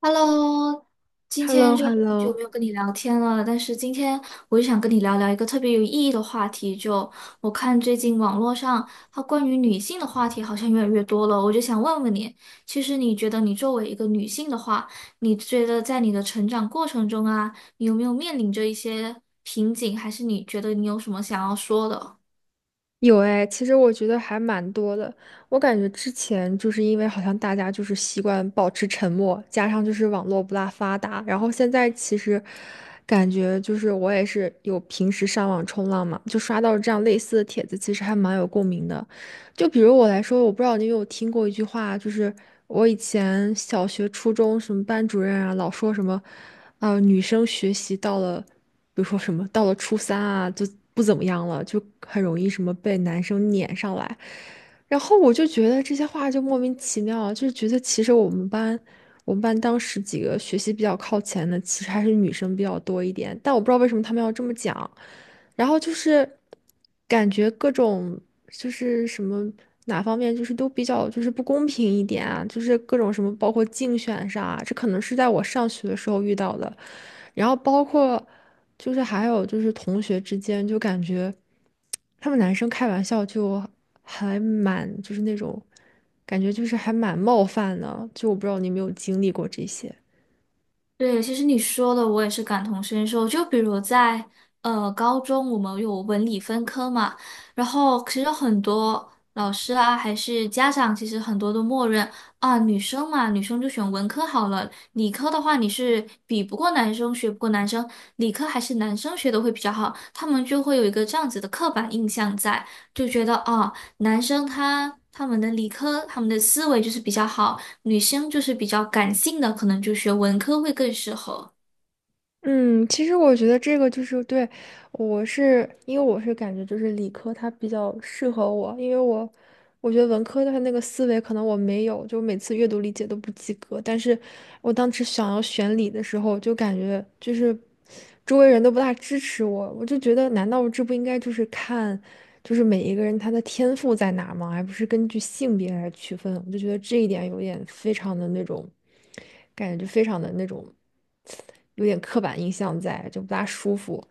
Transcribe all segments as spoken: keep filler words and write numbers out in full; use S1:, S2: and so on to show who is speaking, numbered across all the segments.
S1: Hello，
S2: h
S1: 今
S2: e l l
S1: 天
S2: o h
S1: 就
S2: e l l
S1: 就
S2: o
S1: 没有跟你聊天了，但是今天我就想跟你聊聊一个特别有意义的话题。就我看最近网络上它关于女性的话题好像越来越多了，我就想问问你，其实你觉得你作为一个女性的话，你觉得在你的成长过程中啊，你有没有面临着一些瓶颈，还是你觉得你有什么想要说的？
S2: 有哎，其实我觉得还蛮多的。我感觉之前就是因为好像大家就是习惯保持沉默，加上就是网络不大发达，然后现在其实感觉就是我也是有平时上网冲浪嘛，就刷到这样类似的帖子，其实还蛮有共鸣的。就比如我来说，我不知道你有没有听过一句话，就是我以前小学、初中什么班主任啊，老说什么，啊、女生学习到了。比如说什么到了初三啊，就不怎么样了，就很容易什么被男生撵上来。然后我就觉得这些话就莫名其妙啊，就是觉得其实我们班，我们班当时几个学习比较靠前的，其实还是女生比较多一点，但我不知道为什么他们要这么讲。然后就是感觉各种就是什么哪方面就是都比较就是不公平一点啊，就是各种什么包括竞选上啊，这可能是在我上学的时候遇到的，然后包括就是还有就是同学之间就感觉他们男生开玩笑就还蛮就是那种感觉就是还蛮冒犯的，就我不知道你有没有经历过这些。
S1: 对，其实你说的我也是感同身受。就比如在呃高中，我们有文理分科嘛，然后其实很多老师啊，还是家长，其实很多都默认啊，女生嘛，女生就选文科好了，理科的话你是比不过男生，学不过男生，理科还是男生学的会比较好，他们就会有一个这样子的刻板印象在，就觉得啊，男生他他们的理科，他们的思维就是比较好。女生就是比较感性的，可能就学文科会更适合。
S2: 嗯，其实我觉得这个就是对，我是因为我是感觉就是理科它比较适合我，因为我我觉得文科它那个思维可能我没有，就每次阅读理解都不及格。但是我当时想要选理的时候，就感觉就是周围人都不大支持我，我就觉得难道这不应该就是看就是每一个人他的天赋在哪吗？而不是根据性别来区分？我就觉得这一点有点非常的那种感觉，就非常的那种有点刻板印象在，就不大舒服。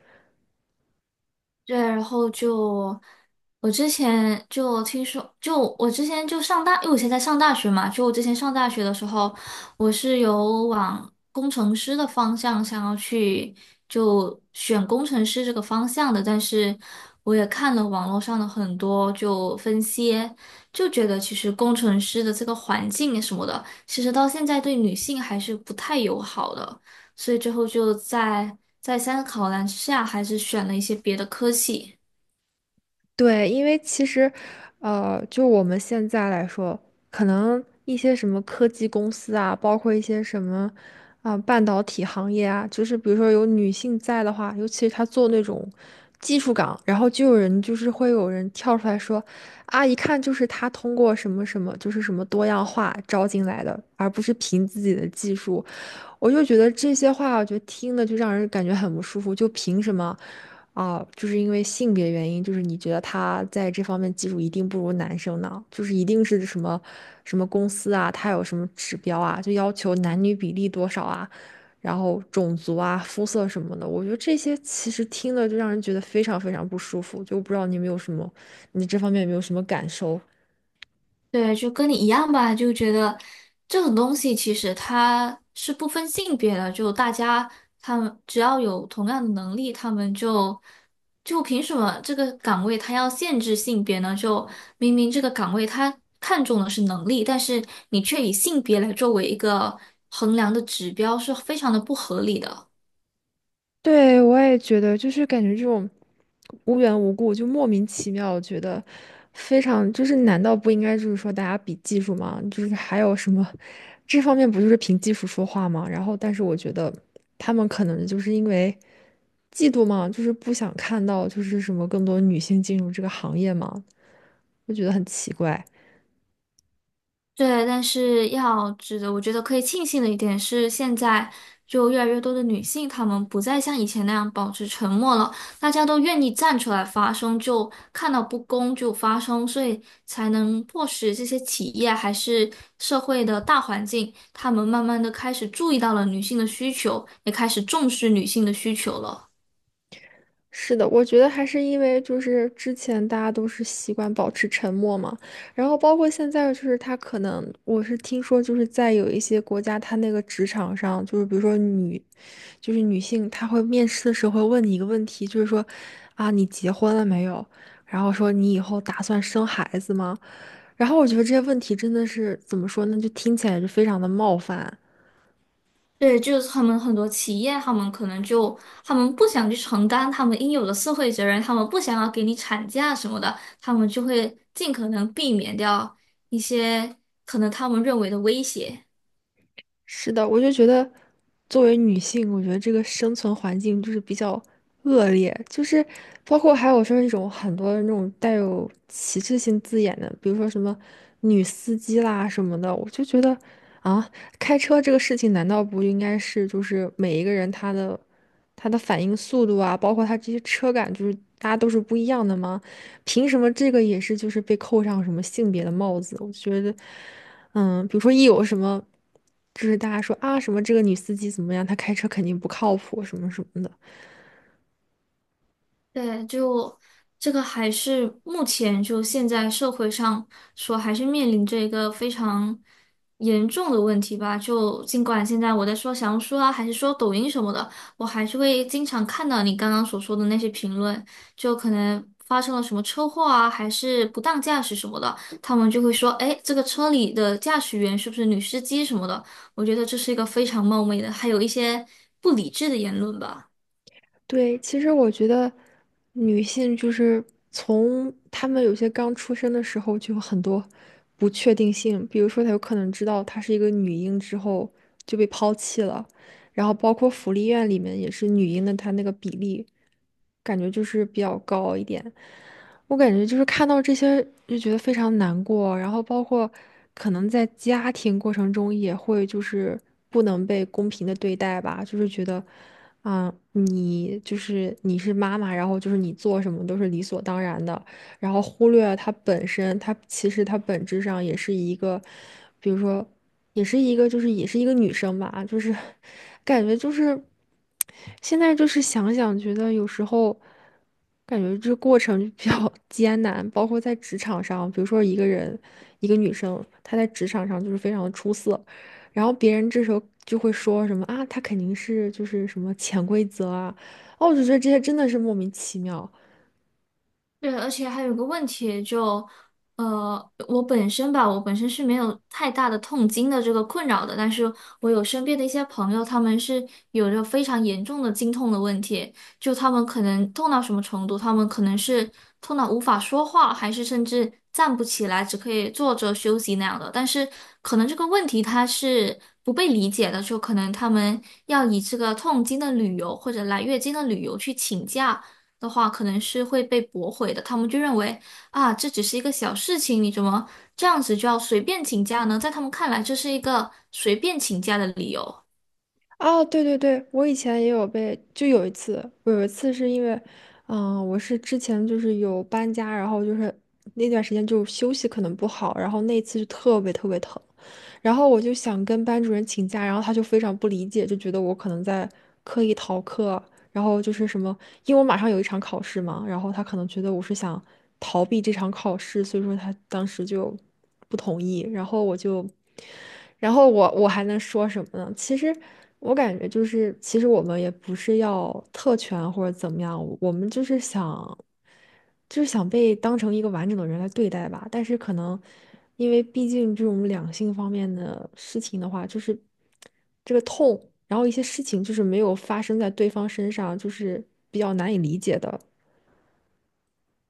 S1: 对，然后就我之前就听说，就我之前就上大，因为我现在上大学嘛，就我之前上大学的时候，我是有往工程师的方向想要去，就选工程师这个方向的，但是我也看了网络上的很多就分析，就觉得其实工程师的这个环境什么的，其实到现在对女性还是不太友好的。所以最后就在再三个考量之下，还是选了一些别的科系。
S2: 对，因为其实，呃，就我们现在来说，可能一些什么科技公司啊，包括一些什么，啊、半导体行业啊，就是比如说有女性在的话，尤其是她做那种技术岗，然后就有人就是会有人跳出来说，啊，一看就是她通过什么什么，就是什么多样化招进来的，而不是凭自己的技术。我就觉得这些话，我觉得听的就让人感觉很不舒服。就凭什么啊？就是因为性别原因，就是你觉得他在这方面技术一定不如男生呢？就是一定是什么什么公司啊，他有什么指标啊，就要求男女比例多少啊，然后种族啊、肤色什么的。我觉得这些其实听了就让人觉得非常非常不舒服。就不知道你有没有什么，你这方面有没有什么感受？
S1: 对，就跟你一样吧，就觉得这种东西其实它是不分性别的，就大家他们只要有同样的能力，他们就就凭什么这个岗位它要限制性别呢？就明明这个岗位它看重的是能力，但是你却以性别来作为一个衡量的指标，是非常的不合理的。
S2: 对，我也觉得，就是感觉这种无缘无故就莫名其妙，我觉得非常就是，难道不应该就是说大家比技术吗？就是还有什么这方面不就是凭技术说话吗？然后，但是我觉得他们可能就是因为嫉妒嘛，就是不想看到就是什么更多女性进入这个行业嘛，就觉得很奇怪。
S1: 对，但是要值得，我觉得可以庆幸的一点是，现在就越来越多的女性，她们不再像以前那样保持沉默了，大家都愿意站出来发声，就看到不公就发声，所以才能迫使这些企业还是社会的大环境，他们慢慢的开始注意到了女性的需求，也开始重视女性的需求了。
S2: 是的，我觉得还是因为就是之前大家都是习惯保持沉默嘛，然后包括现在就是他可能我是听说就是在有一些国家，他那个职场上就是比如说女，就是女性，她会面试的时候会问你一个问题，就是说啊你结婚了没有？然后说你以后打算生孩子吗？然后我觉得这些问题真的是怎么说呢，就听起来就非常的冒犯。
S1: 对，就是他们很多企业，他们可能就他们不想去承担他们应有的社会责任，他们不想要给你产假什么的，他们就会尽可能避免掉一些可能他们认为的威胁。
S2: 是的，我就觉得，作为女性，我觉得这个生存环境就是比较恶劣，就是包括还有说那种很多那种带有歧视性字眼的，比如说什么女司机啦什么的，我就觉得啊，开车这个事情难道不应该是就是每一个人他的他的反应速度啊，包括他这些车感，就是大家都是不一样的吗？凭什么这个也是就是被扣上什么性别的帽子？我觉得。嗯，比如说一有什么，就是大家说啊什么这个女司机怎么样，她开车肯定不靠谱什么什么的。
S1: 对，就这个还是目前就现在社会上说，还是面临着一个非常严重的问题吧。就尽管现在我在说小红书啊，还是说抖音什么的，我还是会经常看到你刚刚所说的那些评论，就可能发生了什么车祸啊，还是不当驾驶什么的，他们就会说，哎，这个车里的驾驶员是不是女司机什么的？我觉得这是一个非常冒昧的，还有一些不理智的言论吧。
S2: 对，其实我觉得女性就是从她们有些刚出生的时候就有很多不确定性，比如说她有可能知道她是一个女婴之后就被抛弃了，然后包括福利院里面也是女婴的，她那个比例感觉就是比较高一点。我感觉就是看到这些就觉得非常难过，然后包括可能在家庭过程中也会就是不能被公平的对待吧，就是觉得。啊，你就是你是妈妈，然后就是你做什么都是理所当然的，然后忽略了它本身，她其实她本质上也是一个，比如说，也是一个就是也是一个女生吧，就是感觉就是现在就是想想觉得有时候感觉这过程就比较 艰难，包括在职场上，比如说一个人一个女生她在职场上就是非常的出色。然后别人这时候就会说什么啊，他肯定是就是什么潜规则啊，哦，我就觉得这些真的是莫名其妙
S1: 对，而且还有个问题就，呃，我本身吧，我本身是没有太大的痛经的这个困扰的，但是我有身边的一些朋友，他们是有着非常严重的经痛的问题，就他们可能痛到什么程度，他们可能是痛到无法说话，还是甚至站不起来，只可以坐着休息那样的。但是可能这个问题它是不被理解的，就可能他们要以这个痛经的理由或者来月经的理由去请假。的话，可能是会被驳回的。他们就认为啊，这只是一个小事情，你怎么这样子就要随便请假呢？在他们看来，这是一个随便请假的理由。
S2: 啊。对对对，我以前也有被，就有一次，我有一次是因为，嗯、我是之前就是有搬家，然后就是那段时间就休息可能不好，然后那一次就特别特别疼，然后我就想跟班主任请假，然后他就非常不理解，就觉得我可能在刻意逃课，然后就是什么，因为我马上有一场考试嘛，然后他可能觉得我是想逃避这场考试，所以说他当时就不同意。然后我就，然后我我还能说什么呢？其实我感觉就是，其实我们也不是要特权或者怎么样，我们就是想。就是想被当成一个完整的人来对待吧。但是可能，因为毕竟这种两性方面的事情的话，就是这个痛，然后一些事情就是没有发生在对方身上，就是比较难以理解的。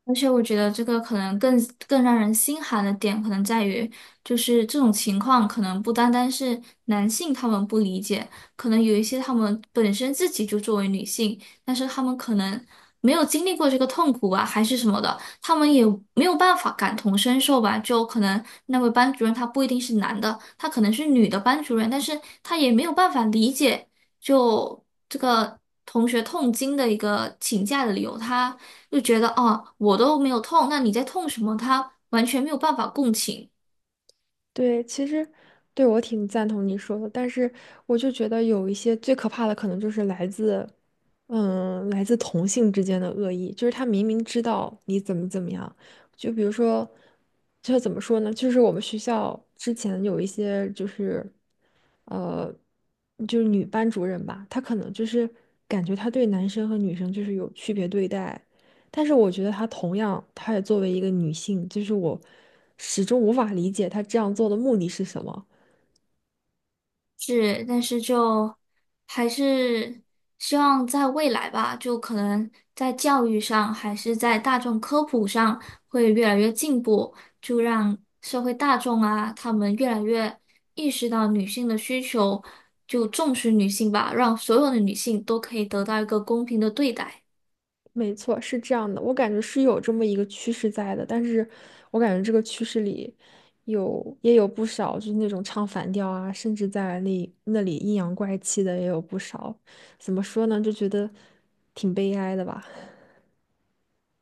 S1: 而且我觉得这个可能更更让人心寒的点，可能在于就是这种情况，可能不单单是男性他们不理解，可能有一些他们本身自己就作为女性，但是他们可能没有经历过这个痛苦啊，还是什么的，他们也没有办法感同身受吧。就可能那位班主任他不一定是男的，他可能是女的班主任，但是他也没有办法理解。就这个同学痛经的一个请假的理由，他就觉得哦，我都没有痛，那你在痛什么？他完全没有办法共情。
S2: 对，其实对我挺赞同你说的，但是我就觉得有一些最可怕的，可能就是来自，嗯，来自同性之间的恶意，就是他明明知道你怎么怎么样，就比如说，就怎么说呢？就是我们学校之前有一些就是，呃，就是女班主任吧，她可能就是感觉她对男生和女生就是有区别对待，但是我觉得她同样，她也作为一个女性，就是我始终无法理解她这样做的目的是什么。
S1: 是，但是就还是希望在未来吧，就可能在教育上，还是在大众科普上会越来越进步，就让社会大众啊，他们越来越意识到女性的需求，就重视女性吧，让所有的女性都可以得到一个公平的对待。
S2: 没错，是这样的，我感觉是有这么一个趋势在的，但是我感觉这个趋势里有也有不少，就是那种唱反调啊，甚至在那那里阴阳怪气的也有不少。怎么说呢，就觉得挺悲哀的吧。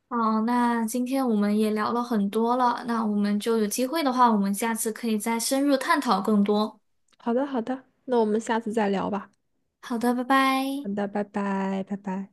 S1: 好，那今天我们也聊了很多了，那我们就有机会的话，我们下次可以再深入探讨更多。
S2: 好的，好的，那我们下次再聊吧。
S1: 好的，拜
S2: 好
S1: 拜。
S2: 的，拜拜，拜拜。